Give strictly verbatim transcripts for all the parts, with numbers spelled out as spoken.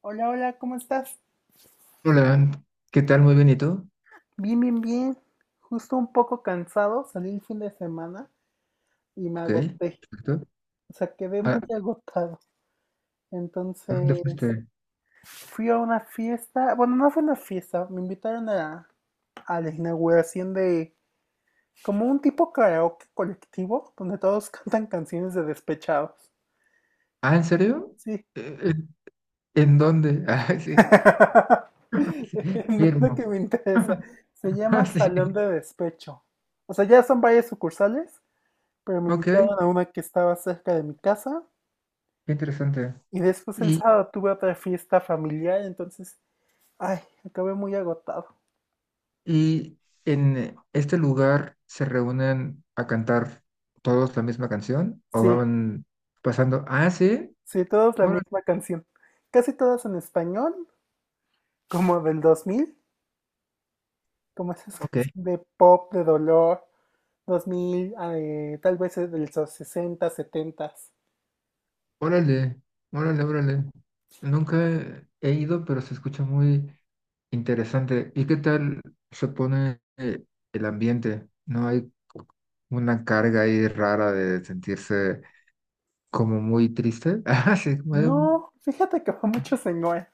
Hola, hola, ¿cómo estás? Hola, ¿qué tal? Muy bien, ¿y tú? Bien, bien, bien. Justo un poco cansado, salí el fin de semana y me Ok, agoté. perfecto. O sea, quedé ¿A, muy a agotado. dónde Entonces, fuiste? fui a una fiesta. Bueno, no fue una fiesta, me invitaron a, a la inauguración de como un tipo karaoke colectivo donde todos cantan canciones de despechados. Ah, ¿en serio? Sí. Eh, eh, ¿En dónde? Ah, sí, sí, No es lo que firmo. me interesa. Se Ah, llama Salón sí, de Despecho. O sea, ya son varias sucursales pero me ok, invitaron qué a una que estaba cerca de mi casa interesante. y después el Y, sábado tuve otra fiesta familiar, entonces, ay, acabé muy agotado. y en este lugar se reúnen a cantar todos la misma canción o Sí, van pasando? Ah, sí, sí, todas la bueno, misma canción. Casi todas en español, como del dos mil, como esas ok, canciones de pop, de dolor, dos mil, eh, tal vez es de los sesenta, setenta. órale, órale, órale. Nunca he he ido, pero se escucha muy interesante. ¿Y qué tal se pone eh, el ambiente? ¿No hay una carga ahí rara de sentirse como muy triste? Ah, sí, como de, No, fíjate que fue mucho señor.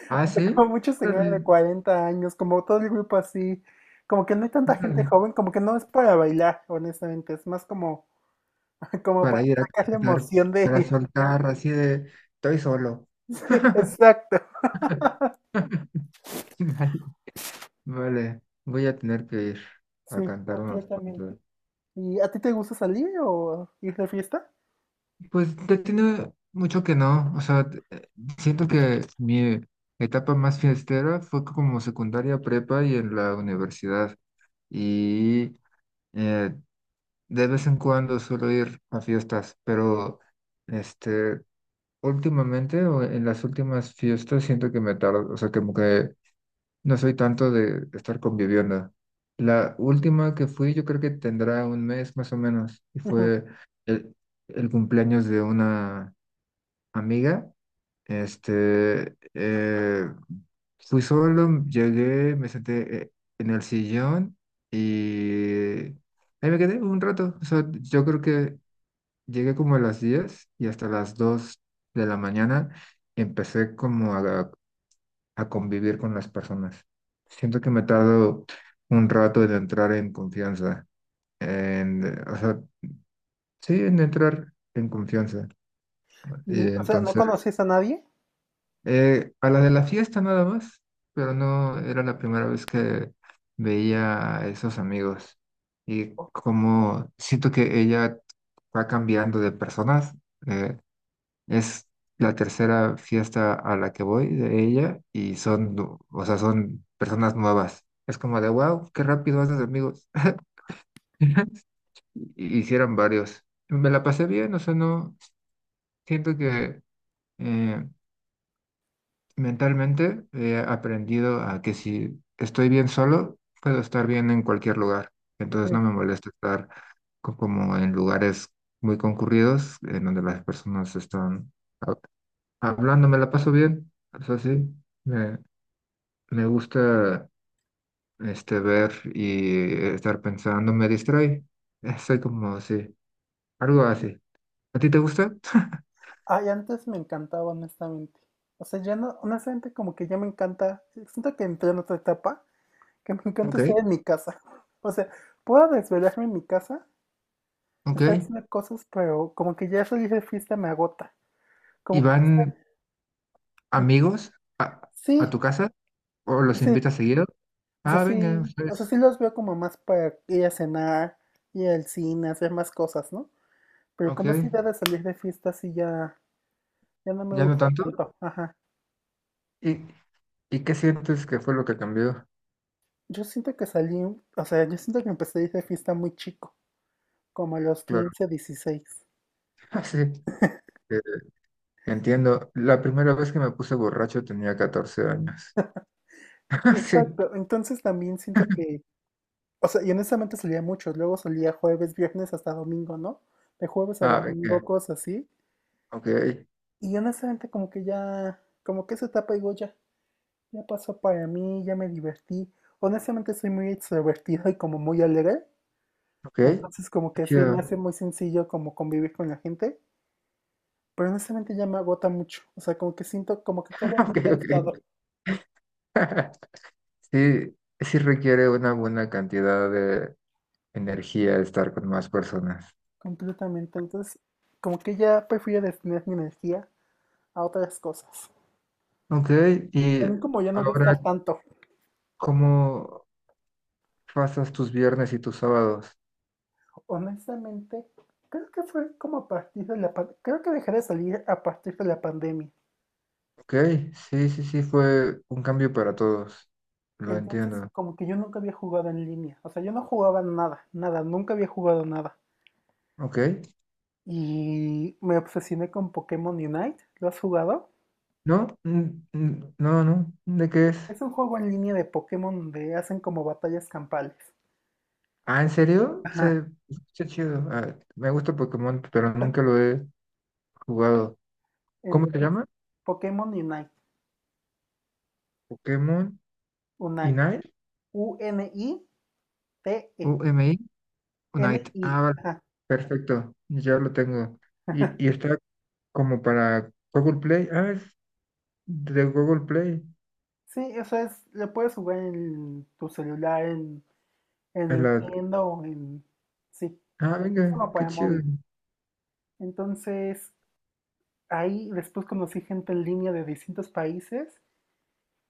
ah, O sea, como sí, muchos señores órale, de cuarenta años, como todo el grupo así, como que no hay tanta gente órale. joven, como que no es para bailar, honestamente, es más como, como Para para ir a sacar la cantar, emoción para de... soltar así de, estoy solo. Exacto, Vale, vale, voy a tener que ir sí, a cantar unos completamente. cuantos. ¿Y a ti te gusta salir o ir de fiesta? Pues ya tiene mucho que no, o sea, t- eh, siento que mi etapa más fiestera fue como secundaria, prepa y en la universidad. Y eh, de vez en cuando suelo ir a fiestas, pero este, últimamente o en las últimas fiestas siento que me tardo, o sea, como que no soy tanto de estar conviviendo. La última que fui yo creo que tendrá un mes más o menos y Ujú. fue el, el cumpleaños de una amiga, este, eh, fui solo, llegué, me senté eh, en el sillón y ahí me quedé un rato. O sea, yo creo que llegué como a las diez y hasta las dos de la mañana empecé como a, a convivir con las personas. Siento que me he tardado un rato en entrar en confianza, en, o sea, sí, en entrar en confianza. Y Y, o sea, ¿no entonces, conocías a nadie? Eh, a la de la fiesta nada más, pero no era la primera vez que veía a esos amigos. Y Oh, como siento que ella va cambiando de personas, eh, es la tercera fiesta a la que voy de ella y son, nu- o sea, son personas nuevas. Es como de, wow, qué rápido haces amigos. Hicieron varios. Me la pasé bien, o sea, no siento que... eh, mentalmente he aprendido a que si estoy bien solo, puedo estar bien en cualquier lugar. Entonces no ujú. me molesta estar co- como en lugares muy concurridos, en donde las personas están hab- hablando, me la paso bien. Es así, me, me gusta este, ver y estar pensando, me distrae. Eh, Soy como así, algo así. ¿A ti te gusta? Ay, antes me encantaba, honestamente. O sea, ya no, honestamente, como que ya me encanta, siento que entré en otra etapa, que me encanta Ok, estar en mi casa. O sea, puedo desvelarme en mi casa. ok. Está haciendo cosas, pero como que ya eso de fiesta me agota. ¿Y Como que está- van ujú, amigos a, a sí, tu casa o los sí. invitas seguido? O sea, Ah, venga, sí, o sea, pues, sí los veo como más para ir a cenar, ir al cine, hacer más cosas, ¿no? Pero ok, como esta idea de salir de fiesta sí ya, ya no me ya no gusta tanto. tanto. Ajá. ¿Y, y qué sientes que fue lo que cambió? Yo siento que salí, o sea, yo siento que empecé a ir de fiesta muy chico, como a los Claro, quince dieciséis. ah, sí, eh, entiendo. La primera vez que me puse borracho tenía catorce años. Ah, sí, Exacto. Entonces también siento que, o sea, y honestamente salía mucho. Luego salía jueves, viernes hasta domingo, ¿no? De jueves a ah, venga, domingo, cosas así. ok, Y honestamente como que ya, como que esa etapa digo ya, ya pasó para mí, ya me divertí. Honestamente soy muy extrovertido y como muy alegre, ok, entonces como qué que se chido. me hace muy sencillo como convivir con la gente, pero honestamente ya me agota mucho, o sea, como que siento como que acabo muy Ok, ok. cansado Sí, sí requiere una buena cantidad de energía estar con más personas. completamente, entonces como que ya prefiero destinar mi energía a otras cosas. Ok, y También como ya no ahora, gastar tanto, ¿cómo pasas tus viernes y tus sábados? honestamente, creo que fue como a partir de la, pan- creo que dejé de salir a partir de la pandemia. Ok, sí, sí, sí, fue un cambio para todos. Lo Entonces, entiendo. como que yo nunca había jugado en línea. O sea, yo no jugaba nada, nada, nunca había jugado nada. Ok. Y me obsesioné con Pokémon Unite. ¿Lo has jugado? No, mm, mm, no, no. ¿De qué es? Es un juego en línea de Pokémon donde hacen como batallas campales. Ah, ¿en serio? Ajá. Se escucha chido. Ah, me gusta Pokémon, pero nunca lo he jugado. ¿Cómo se Entonces, llama? Pokémon Unite. Pokémon Unite. Unite. U N I T E. U M I. Unite. N I. Ah, vale. Ajá. Perfecto. Ya lo tengo. Y, y está como para Google Play. Ah, es de Google Play. Sí, eso es, lo puedes jugar en tu celular, en, en En la- Nintendo, en... Sí, es Ah, venga, como qué para chido. móvil. Entonces, ahí después conocí gente en línea de distintos países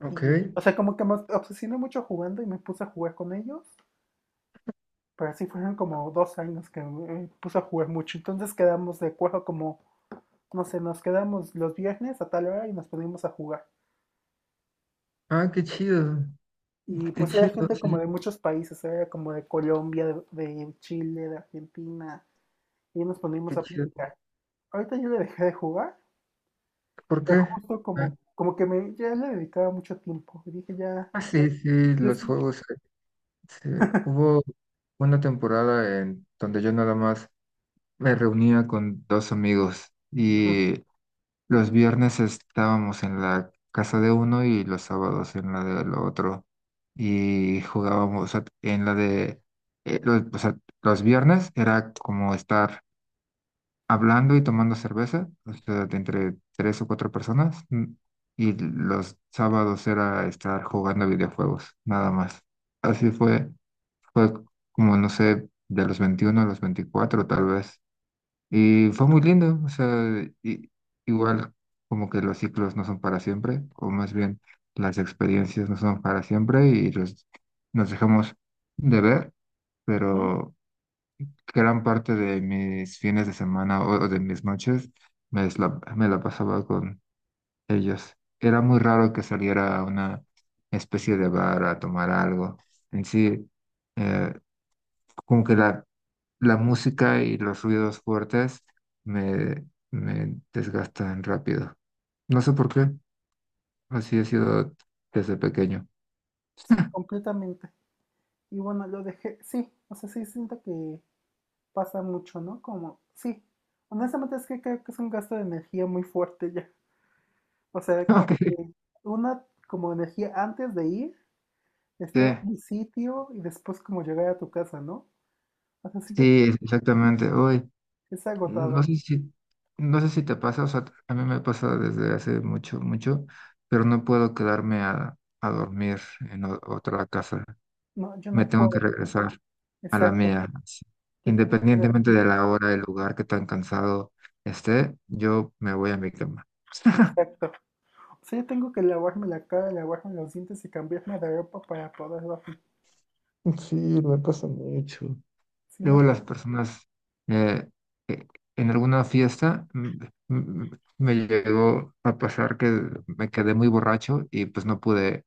Ok. y, o sea, como que me obsesioné mucho jugando y me puse a jugar con ellos, pero así fueron como dos años que me puse a jugar mucho. Entonces quedamos de acuerdo como, no sé, nos quedamos los viernes a tal hora y nos poníamos a jugar. Ah, qué chido. Y Qué pues era chido, gente como sí, de muchos países, era como de Colombia, de, de Chile, de Argentina, y nos poníamos qué a chido. platicar. Ahorita yo le dejé de jugar, ¿Por pero qué? justo Ah, como, como que me, ya le dedicaba mucho tiempo. Y dije, ya, ah, sí, sí, ya es los tiempo. juegos. Eh, sí. Hubo una temporada en donde yo nada más me reunía con dos amigos y los viernes estábamos en la casa de uno y los sábados en la del otro. Y jugábamos, o sea, en la de, eh, los, o sea, los viernes era como estar hablando y tomando cerveza, o sea, de entre tres o cuatro personas, mm, y los sábados era estar jugando videojuegos, nada más. Así fue, fue como, no sé, de los veintiuno a los veinticuatro tal vez. Y fue muy lindo, o sea, y- igual como que los ciclos no son para siempre, o más bien las experiencias no son para siempre y los, nos dejamos de ver, pero gran parte de mis fines de semana o o de mis noches me es la, me la pasaba con ellos. Era muy raro que saliera a una especie de bar a tomar algo. En sí, eh, como que la, la música y los ruidos fuertes me, me desgastan rápido. No sé por qué, así he sido desde pequeño. Sí, completamente. Y bueno, lo dejé, sí, o sea, sí siento que pasa mucho, ¿no? Como, sí, honestamente es que creo que es un gasto de energía muy fuerte ya. O sea, Ok. como que una como energía antes de ir, Sí, estar en un sitio y después como llegar a tu casa, ¿no? O sea, siento sí, exactamente. Uy, que es No agotado. sé si, no sé si te pasa, o sea, a mí me pasa desde hace mucho, mucho, pero no puedo quedarme a, a dormir en o- otra casa. No, yo Me no tengo que puedo. regresar a la Exacto. mía. Así. Yo tengo que Independientemente dormir. de la hora, el lugar, qué tan cansado esté, yo me voy a mi cama. Exacto. O sea, yo tengo que lavarme la cara, lavarme los dientes y cambiarme de ropa para poder dormir. Sí, me pasa mucho. Si Luego no las personas, eh, eh, en alguna fiesta, mm, mm, me llegó a pasar que me quedé muy borracho y pues no pude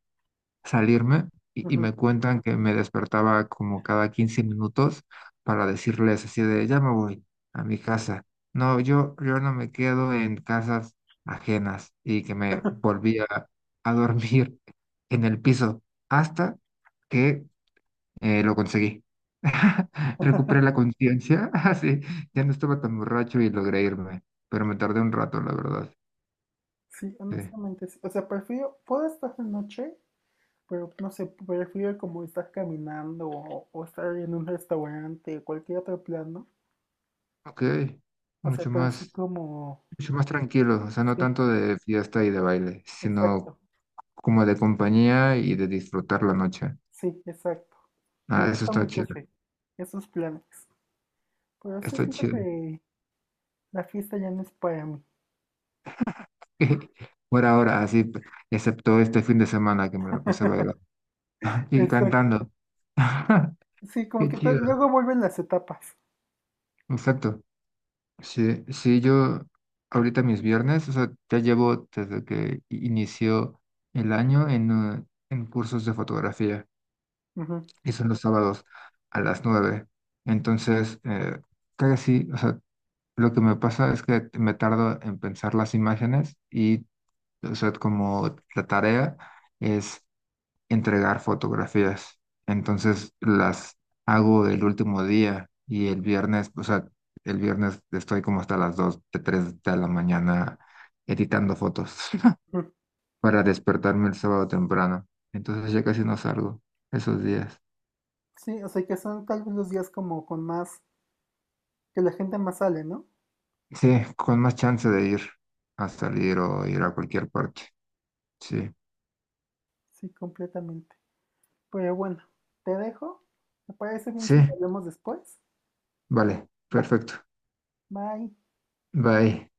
salirme y, y puedo. me cuentan que me despertaba como cada quince minutos para decirles así de, ya me voy a mi casa. No, yo, yo no me quedo en casas ajenas y que me volvía a dormir en el piso hasta que eh, lo conseguí. Recuperé la conciencia, así, ya no estaba tan borracho y logré irme, pero me tardé un rato, la verdad. Sí, Sí. honestamente, sí. O sea, prefiero, puedo estar de noche, pero no sé, prefiero como estar caminando o, o estar en un restaurante, o cualquier otro plano. Ok, O sea, mucho pero así más. como, Mucho más tranquilos, o sea, no sí, tanto de fiesta y de baile, sino exacto, como de compañía y de disfrutar la noche. sí, exacto. Me Ah, eso gusta está mucho chido, ese, esos planes. Pero sí está siento chido. que la fiesta ya no es para mí. Por ahora, así, p- excepto este fin de semana que me la pasé bailando y Exacto. cantando. Sí, como Qué que tal- chido, luego vuelven las etapas. exacto. Sí, sí, yo ahorita mis viernes, o sea, ya llevo desde que i- inició el año en, eh, en cursos de fotografía. Ujú, Y son los sábados a las nueve. Entonces, eh, casi, o sea, lo que me pasa es que me tardo en pensar las imágenes y, o sea, como la tarea es entregar fotografías. Entonces, las hago el último día y el viernes, o sea, el viernes estoy como hasta las dos de tres de la mañana editando fotos ujú. para despertarme el sábado temprano. Entonces, ya casi no salgo esos días. Sí, o sea, que son tal vez los días como con más, que la gente más sale, ¿no? Sí, con más chance de ir a salir o ir a cualquier parte. Sí, Sí, completamente. Pero bueno, te dejo. ¿Me parece bien sí, si hablamos después? vale, Vale, perfecto. bye. Bye.